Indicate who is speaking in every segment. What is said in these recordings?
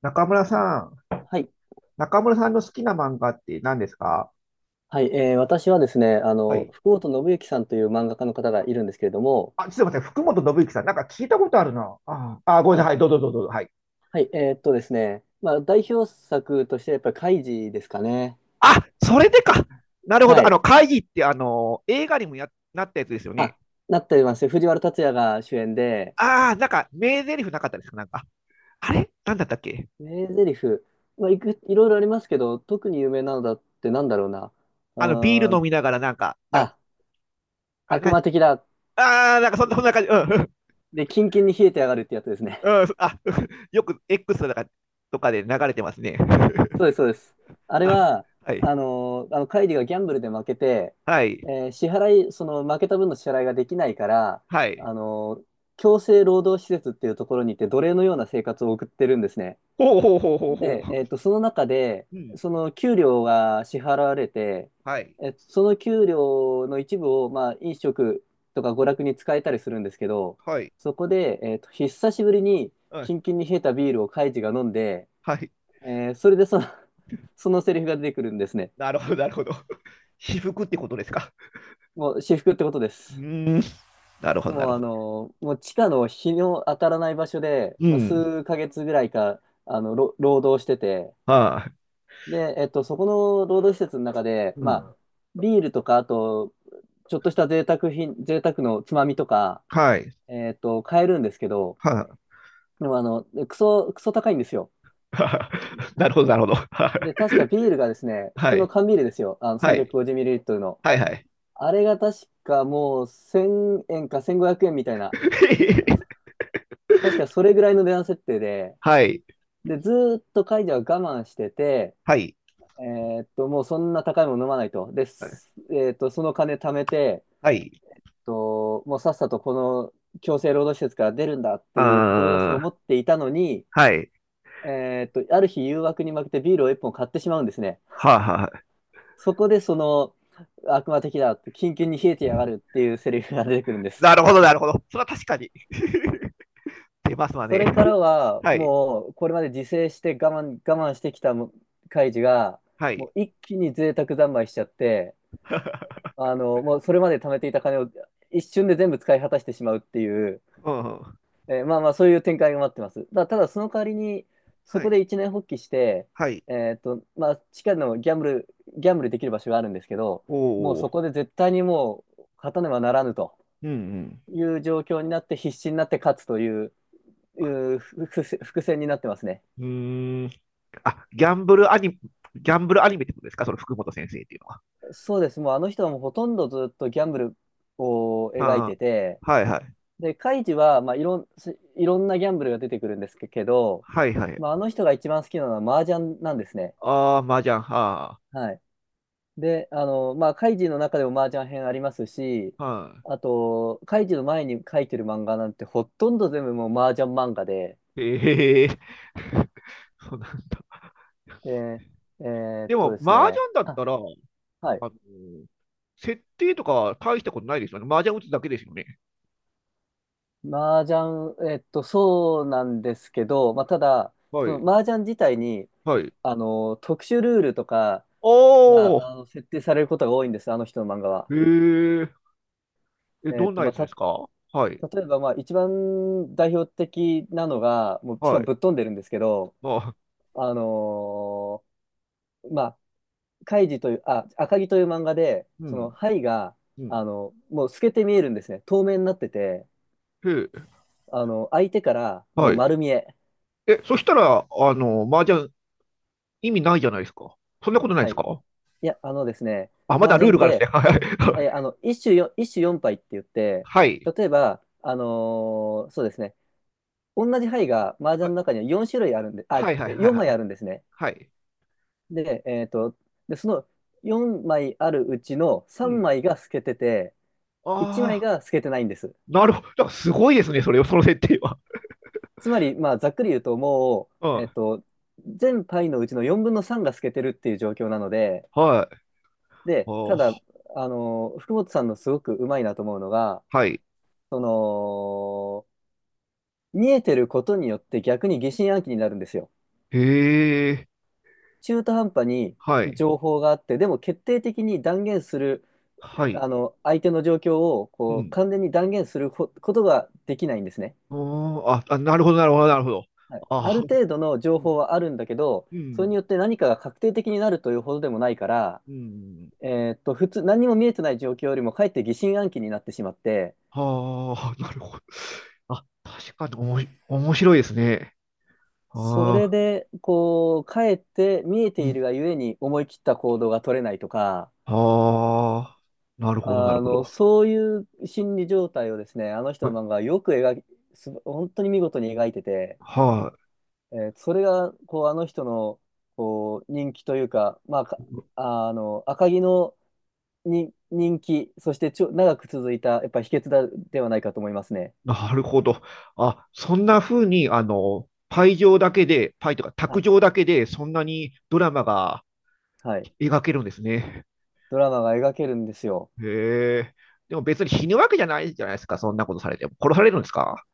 Speaker 1: 中村さん、
Speaker 2: はい。
Speaker 1: 中村さんの好きな漫画って何ですか？
Speaker 2: はい。私はですね、
Speaker 1: はい。
Speaker 2: 福本伸之さんという漫画家の方がいるんですけれども、
Speaker 1: あ、ちょっと待って、福本信之さん、なんか聞いたことあるな。ああ、ごめんな
Speaker 2: あ、
Speaker 1: さい、どうぞどうぞどうぞ。はい。
Speaker 2: はい。ですね、まあ、代表作としてやっぱりカイジですかね。
Speaker 1: あ、それでか。なるほ
Speaker 2: は
Speaker 1: ど。あの、
Speaker 2: い。
Speaker 1: 会議って、あの、映画にもなったやつですよね。
Speaker 2: あ、なってます。藤原竜也が主演で、
Speaker 1: ああ、なんか、名台詞なかったですかなんか。あれなんだったっけ？
Speaker 2: 名台詞、まあ、いろいろありますけど、特に有名なのだってなんだろうな。う
Speaker 1: あの、ビー
Speaker 2: ー
Speaker 1: ル飲
Speaker 2: ん、
Speaker 1: みながら、なんか、なんか、
Speaker 2: あ、
Speaker 1: あれ、
Speaker 2: 悪
Speaker 1: なん
Speaker 2: 魔
Speaker 1: か
Speaker 2: 的だ。
Speaker 1: なんかそんな、そんな感じ。うん、う
Speaker 2: で、キンキンに冷えてやがるってやつですね。
Speaker 1: ん、うんあ、よく X とかで流れてますね。
Speaker 2: そうです、そうです。あれ
Speaker 1: あ
Speaker 2: は、
Speaker 1: はい、
Speaker 2: カイリがギャンブルで負けて、
Speaker 1: はい、
Speaker 2: 支払い、その負けた分の支払いができないから、
Speaker 1: はい。
Speaker 2: あのー強制労働施設っていうところに行って奴隷のような生活を送ってるんですね。
Speaker 1: ほうほうほうほうほ
Speaker 2: で、
Speaker 1: う。
Speaker 2: その中で、
Speaker 1: うん。
Speaker 2: その給料が支払われて、
Speaker 1: はい。
Speaker 2: その給料の一部を、まあ、飲食とか娯
Speaker 1: うん。
Speaker 2: 楽に使えたりするんですけど、
Speaker 1: はい。
Speaker 2: そこで、久しぶりに
Speaker 1: は
Speaker 2: キ
Speaker 1: い。
Speaker 2: ンキンに冷えたビールをカイジが飲んで、
Speaker 1: はい。
Speaker 2: それでその、そのセリフが出てくるんですね。
Speaker 1: なるほど、なるほど。私服ってことですか。
Speaker 2: もう私服ってことで
Speaker 1: う
Speaker 2: す。
Speaker 1: ーん。なるほど、な
Speaker 2: もう
Speaker 1: るほど。
Speaker 2: もう地下の日の当たらない場所で、
Speaker 1: う
Speaker 2: まあ、
Speaker 1: ん。
Speaker 2: 数ヶ月ぐらいか、労働してて、
Speaker 1: は
Speaker 2: で、そこの労働施設の中で、
Speaker 1: い。う
Speaker 2: まあ、
Speaker 1: ん。
Speaker 2: ビールとか、あと、ちょっとした贅沢品、贅沢のつまみとか、
Speaker 1: はい。
Speaker 2: 買えるんですけど、
Speaker 1: はい。
Speaker 2: でもクソ高いんですよ。
Speaker 1: なるほど、なるほど。
Speaker 2: で、確かビールがですね、普
Speaker 1: は
Speaker 2: 通の
Speaker 1: い。
Speaker 2: 缶ビールですよ。
Speaker 1: はい。
Speaker 2: 350ml の。
Speaker 1: はい、はい。
Speaker 2: あれが確かもう1000円か1500円みたいな、確かそれぐらいの値段設定で、
Speaker 1: はい。
Speaker 2: で、ずーっとカイジは我慢してて、
Speaker 1: はい。
Speaker 2: もうそんな高いもの飲まないと。で、すえーっと、その金貯めて、
Speaker 1: はい。
Speaker 2: もうさっさとこの強制労働施設から出るんだって
Speaker 1: あ
Speaker 2: いう志を持
Speaker 1: ー
Speaker 2: っていたのに、
Speaker 1: はい。
Speaker 2: ある日誘惑に負けてビールを1本買ってしまうんですね。
Speaker 1: はあ、はあ。
Speaker 2: そこでその、悪魔的だって、キンキンに冷えてやがるっていうセリフが出てくるんです。
Speaker 1: なるほど、なるほど。それは確かに。出ますわ
Speaker 2: そ
Speaker 1: ね。
Speaker 2: れからは、
Speaker 1: はい。
Speaker 2: もう、これまで自制して我慢してきたもカイジが、
Speaker 1: はい。
Speaker 2: もう一気に贅沢三昧しちゃって、もうそれまで貯めていた金を一瞬で全部使い果たしてしまうっていう、
Speaker 1: うんうん
Speaker 2: まあまあ、そういう展開が待ってます。ただ、その代わりに、そ
Speaker 1: は
Speaker 2: こ
Speaker 1: い。
Speaker 2: で一年発起して、
Speaker 1: はい。
Speaker 2: まあ、地下のギャンブルできる場所があるんですけど、
Speaker 1: お
Speaker 2: もうそ
Speaker 1: お。
Speaker 2: こで絶対にもう、勝たねばならぬと
Speaker 1: うんうん。
Speaker 2: いう状況になって、必死になって勝つという伏線になってますね。
Speaker 1: うーん。あ、ギャンブルアニメってことですかその福本先生っていうのは。
Speaker 2: そうです。もうあの人はもうほとんどずっとギャンブルを描い
Speaker 1: は
Speaker 2: てて、
Speaker 1: あ、はいはい。
Speaker 2: で、カイジは、まあ、いろんなギャンブルが出てくるんですけど、
Speaker 1: はいはい。
Speaker 2: まあ、あの人が一番好きなのは麻雀なんですね。
Speaker 1: ああ、麻雀。は
Speaker 2: はい。で、まあ、カイジの中でも麻雀編ありますし、
Speaker 1: あ、は
Speaker 2: あと、カイジの前に書いてる漫画なんてほとんど全部もう麻雀漫画で、
Speaker 1: い。ええ そうなんだ。
Speaker 2: で、
Speaker 1: でも、
Speaker 2: です
Speaker 1: 麻
Speaker 2: ね、
Speaker 1: 雀だったら、あの、
Speaker 2: はい。
Speaker 1: 設定とかは大したことないですよね。麻雀打つだけですよね。
Speaker 2: 麻雀、そうなんですけど、まあ、ただ、
Speaker 1: は
Speaker 2: そ
Speaker 1: い。
Speaker 2: の麻雀自体に、
Speaker 1: はい。
Speaker 2: 特殊ルールとか
Speaker 1: お
Speaker 2: が、
Speaker 1: ー、
Speaker 2: 設定されることが多いんです、あの人の漫画は。
Speaker 1: えええ、どんな
Speaker 2: ま
Speaker 1: や
Speaker 2: あ、
Speaker 1: つですか？はい。
Speaker 2: 例えば、まあ、一番代表的なのが、もう、しか
Speaker 1: は
Speaker 2: も
Speaker 1: い。
Speaker 2: ぶっ飛んでるんですけど、
Speaker 1: あ、
Speaker 2: あのまあ、カイジという、あ、赤城という漫画で、
Speaker 1: う
Speaker 2: その、
Speaker 1: ん。
Speaker 2: 牌が、
Speaker 1: うん。
Speaker 2: もう透けて見えるんですね。透明になってて、
Speaker 1: へえ、
Speaker 2: 相手から、も
Speaker 1: は
Speaker 2: う
Speaker 1: い。
Speaker 2: 丸見え。
Speaker 1: え、そしたら、あの、麻雀意味ないじゃないですか。そんなことないで
Speaker 2: は
Speaker 1: す
Speaker 2: い。
Speaker 1: か？
Speaker 2: いや、あのですね、
Speaker 1: あ、ま
Speaker 2: 麻
Speaker 1: だルー
Speaker 2: 雀っ
Speaker 1: ルがあるんで
Speaker 2: て、
Speaker 1: すね。
Speaker 2: 一種四牌って言って、
Speaker 1: はい
Speaker 2: 例えば、そうですね、同じ牌が麻
Speaker 1: は
Speaker 2: 雀
Speaker 1: い。
Speaker 2: の中には4種類あるんで、あ、
Speaker 1: はい。はいはい
Speaker 2: 4
Speaker 1: はい
Speaker 2: 枚
Speaker 1: は
Speaker 2: あ
Speaker 1: い。
Speaker 2: るんですね。
Speaker 1: はい。
Speaker 2: で、その4枚あるうちの
Speaker 1: う
Speaker 2: 3
Speaker 1: ん。
Speaker 2: 枚が透けてて1枚
Speaker 1: ああ、
Speaker 2: が透けてないんです。
Speaker 1: なるほど。だからすごいですね、それ、その設定は。
Speaker 2: つまり、まあ、ざっくり言うとも
Speaker 1: う
Speaker 2: う、
Speaker 1: ん。
Speaker 2: 全牌のうちの4分の3が透けてるっていう状況なので、
Speaker 1: はい。
Speaker 2: で、ただ、
Speaker 1: ああ、
Speaker 2: 福本さんのすごくうまいなと思うのが、
Speaker 1: はい。
Speaker 2: その見えてることによって逆に疑心暗鬼になるんですよ。
Speaker 1: へえ。
Speaker 2: 中途半端に
Speaker 1: はい。
Speaker 2: 情報があって、でも決定的に断言する、
Speaker 1: はい。
Speaker 2: 相手の状況を
Speaker 1: う
Speaker 2: こう
Speaker 1: ん。
Speaker 2: 完全に断言するこことができないんですね。
Speaker 1: うーん。あ、あ、なるほど、なるほど、なるほど。
Speaker 2: はい、あ
Speaker 1: ああ、
Speaker 2: る程度の
Speaker 1: う
Speaker 2: 情
Speaker 1: ん。
Speaker 2: 報はあるんだけど、
Speaker 1: う
Speaker 2: それ
Speaker 1: ん。
Speaker 2: によって何かが確定的になるというほどでもないから、
Speaker 1: うん。
Speaker 2: 普通、何も見えてない状況よりもかえって疑心暗鬼になってしまって、
Speaker 1: はあ、なるほど。あ、確かにおもし面白いですね。
Speaker 2: それ
Speaker 1: ああ。
Speaker 2: で、こう、かえって見えているがゆえに思い切った行動が取れないとか、
Speaker 1: ああ、なるほど、なるほど。
Speaker 2: そういう心理状態をですね、あの
Speaker 1: は
Speaker 2: 人
Speaker 1: い、
Speaker 2: の漫画はよく描き、本当に見事に描いてて、
Speaker 1: はい
Speaker 2: それが、こう、あの人の、こう、人気というか、まあ、かあの、赤城のに人気、そして長く続いた、やっぱり秘訣だ、ではないかと思いますね。
Speaker 1: なるほど。あ、そんな風に、あの、パイとか
Speaker 2: は
Speaker 1: 卓
Speaker 2: い。
Speaker 1: 上だけで、そんなにドラマが
Speaker 2: はい。
Speaker 1: 描けるんですね。
Speaker 2: ドラマが描けるんですよ。
Speaker 1: へえ。でも別に死ぬわけじゃないじゃないですか、そんなことされても。殺されるんですか？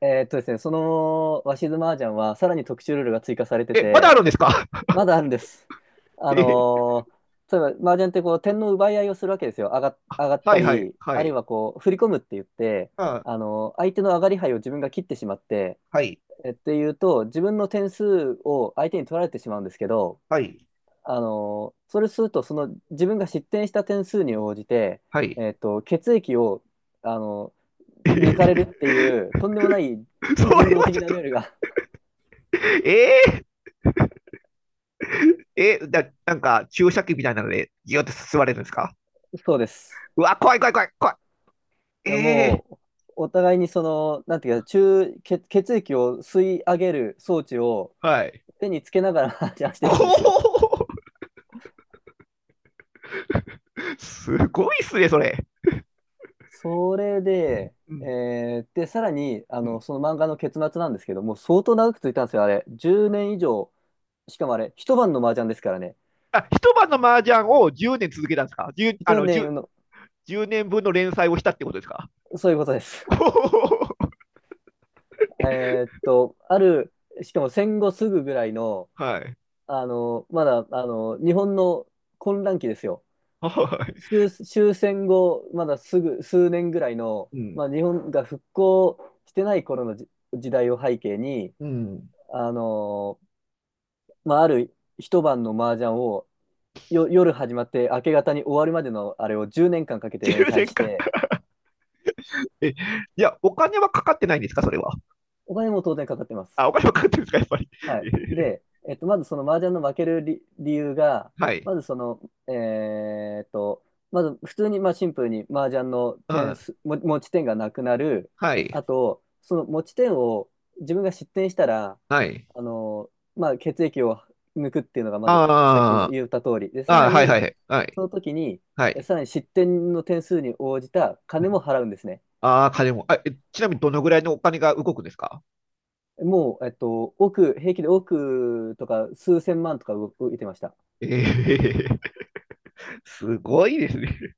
Speaker 2: ですね、その、鷲津麻雀は、さらに特殊ルールが追加されて
Speaker 1: え、まだあ
Speaker 2: て、
Speaker 1: るんですか？
Speaker 2: まだあるんです。あ
Speaker 1: えへ
Speaker 2: のー例えば、麻雀ってこう、点の奪い合いをするわけですよ。上がっ
Speaker 1: は
Speaker 2: た
Speaker 1: いはい
Speaker 2: り、
Speaker 1: は
Speaker 2: あるい
Speaker 1: い。
Speaker 2: はこう、振り込むって言って、
Speaker 1: あ、
Speaker 2: 相手の上がり牌を自分が切ってしまって、
Speaker 1: はい
Speaker 2: っていうと、自分の点数を相手に取られてしまうんですけど、
Speaker 1: はい
Speaker 2: それすると、その自分が失点した点数に応じて、
Speaker 1: はい。
Speaker 2: 血液を、あのー
Speaker 1: えへ
Speaker 2: 抜かれるっていう、
Speaker 1: へ
Speaker 2: とんでもない
Speaker 1: そ
Speaker 2: 非人
Speaker 1: れ
Speaker 2: 道
Speaker 1: はち
Speaker 2: 的
Speaker 1: ょっ
Speaker 2: な
Speaker 1: と、
Speaker 2: ルールが、
Speaker 1: ええ え、だ、なんか注射器みたいなので、ギュって吸われるんですか？
Speaker 2: そうです。
Speaker 1: うわ、怖い怖い怖い怖い。
Speaker 2: いや
Speaker 1: えー、
Speaker 2: もう、お互いにその、なんていうか、血液を吸い上げる装置を
Speaker 1: はい。
Speaker 2: 手につけながら話し合ってるんですよ。
Speaker 1: こう、すごいっすね、それ。
Speaker 2: それで、
Speaker 1: うん
Speaker 2: で、さらに、
Speaker 1: うん
Speaker 2: その漫画の結末なんですけども、相当長く続いたんですよ、あれ。10年以上、しかもあれ、一晩の麻雀ですからね。
Speaker 1: あ、一晩の麻雀を10年続けたんですか？ 10、あ
Speaker 2: 一
Speaker 1: の、
Speaker 2: 年の、
Speaker 1: 10、年分の連載をしたってことですか？
Speaker 2: そういうことです。えーっと、ある、しかも戦後すぐぐらいの、
Speaker 1: はい。
Speaker 2: まだ、日本の混乱期ですよ。
Speaker 1: はい。
Speaker 2: 終戦後、まだすぐ、数年ぐらいの、
Speaker 1: うん。
Speaker 2: まあ、日本が復興してない頃の時代を背景に、
Speaker 1: うん。
Speaker 2: あのーまあ、ある一晩の麻雀を夜始まって明け方に終わるまでのあれを10年間かけて連
Speaker 1: 10
Speaker 2: 載
Speaker 1: 年
Speaker 2: し
Speaker 1: 間。
Speaker 2: て、
Speaker 1: え、いや、お金はかかってないんですかそれは。
Speaker 2: お金も当然かかってま
Speaker 1: あ、
Speaker 2: す。
Speaker 1: お金はかかってるんですかやっぱり。
Speaker 2: はい。で、まずその麻雀の負ける理由が、
Speaker 1: はい。
Speaker 2: まずその、えーっと、まず普通にまあシンプルに麻雀の
Speaker 1: う
Speaker 2: 点
Speaker 1: ん。
Speaker 2: 数、持ち点がなくなる。
Speaker 1: はい。
Speaker 2: あと、その持ち点を自分が失点したら、
Speaker 1: はい。
Speaker 2: まあ血液を抜くっていうのがまずさっきも
Speaker 1: あ
Speaker 2: 言った通り。で、さ
Speaker 1: あ
Speaker 2: ら
Speaker 1: あ、はいは
Speaker 2: に、
Speaker 1: いはいはい。
Speaker 2: その時に、
Speaker 1: はい。
Speaker 2: さらに失点の点数に応じた金も払うんですね。
Speaker 1: ああ、金も。あ、えちなみにどのぐらいのお金が動くんですか？
Speaker 2: もう、億、平気で億とか数千万とか動いてました。
Speaker 1: ええ すごいですね。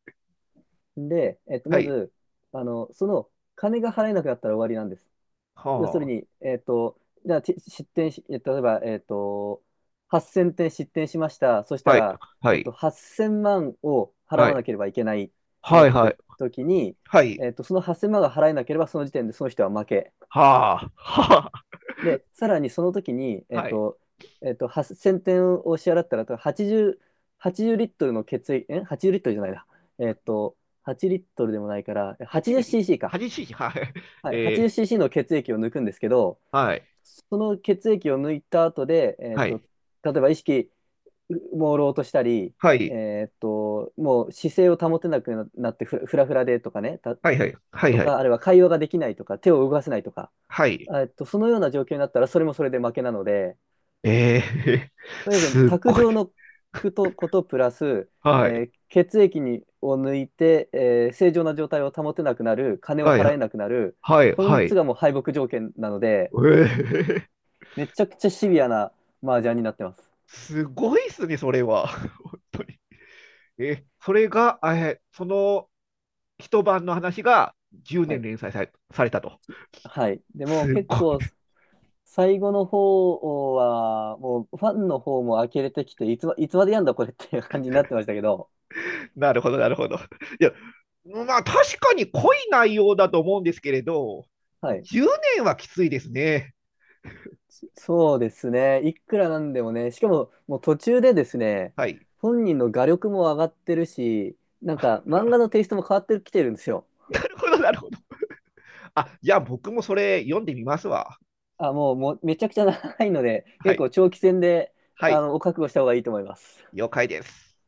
Speaker 2: で、
Speaker 1: は
Speaker 2: ま
Speaker 1: い。
Speaker 2: ず、その、金が払えなくなったら終わりなんです。要する
Speaker 1: は
Speaker 2: に、じゃあ、ち失点し、え例えば、8000点失点しました。そし
Speaker 1: あ。
Speaker 2: た
Speaker 1: はい。
Speaker 2: ら、
Speaker 1: はい。
Speaker 2: 8000万を払
Speaker 1: は
Speaker 2: わな
Speaker 1: い。
Speaker 2: ければいけないとな
Speaker 1: は
Speaker 2: っ
Speaker 1: い
Speaker 2: た
Speaker 1: はい。
Speaker 2: 時に、
Speaker 1: はい。
Speaker 2: その8000万が払えなければ、その時点でその人は負け。
Speaker 1: はあ。はあ。
Speaker 2: で、さらにその時に、
Speaker 1: はい。
Speaker 2: 8000点を支払ったら、80リットルの血液、え？ 80 リットルじゃないな。えっと、8リットルでもないから、
Speaker 1: 8ミリ？
Speaker 2: 80cc か。
Speaker 1: 8cm？ はい。
Speaker 2: はい、
Speaker 1: え
Speaker 2: 80cc の血液を抜くんですけど、
Speaker 1: ー、はい。
Speaker 2: その血液を抜いた後で、
Speaker 1: はい。
Speaker 2: 例えば意識、朦朧としたり、
Speaker 1: はい。
Speaker 2: もう姿勢を保てなくななってふらふらでとかね、
Speaker 1: はい。はい。はい。
Speaker 2: と
Speaker 1: は
Speaker 2: か、あ
Speaker 1: い。
Speaker 2: るいは会話ができないとか、手を動かせないとか、
Speaker 1: はい。
Speaker 2: そのような状況になったら、それもそれで負けなので、
Speaker 1: えー、
Speaker 2: とにかく
Speaker 1: すっ
Speaker 2: 卓
Speaker 1: ごい。
Speaker 2: 上のことプラス、
Speaker 1: はい。
Speaker 2: 血液にを抜いて、正常な状態を保てなくなる金を
Speaker 1: はい。
Speaker 2: 払えなくなる
Speaker 1: はい。
Speaker 2: この
Speaker 1: は
Speaker 2: 3つ
Speaker 1: い。
Speaker 2: がもう敗北条件なので、
Speaker 1: えー、
Speaker 2: めちゃくちゃシビアな麻雀になってます。
Speaker 1: すごいっすね、それは。え、それが、え、その一晩の話が10
Speaker 2: は
Speaker 1: 年
Speaker 2: い
Speaker 1: 連載されたと。
Speaker 2: はい、でも
Speaker 1: す
Speaker 2: 結
Speaker 1: ごい。
Speaker 2: 構最後の方はもうファンの方も呆れてきていつまでやんだこれっていう感じになってましたけど、
Speaker 1: なるほど、なるほど。いや、まあ確かに濃い内容だと思うんですけれど、
Speaker 2: はい、
Speaker 1: 10年はきついですね。
Speaker 2: そうですね。いくらなんでもね、しかももう途中でですね、
Speaker 1: はい。
Speaker 2: 本人の画力も上がってるし、なんか漫画のテイストも変わってきてるんですよ。
Speaker 1: なるほど、なるほど。あ、じゃあ僕もそれ読んでみますわ。
Speaker 2: もう、もうめちゃくちゃ長いので、
Speaker 1: は
Speaker 2: 結
Speaker 1: い。
Speaker 2: 構長期戦で、
Speaker 1: はい。
Speaker 2: お覚悟した方がいいと思います。
Speaker 1: 了解です。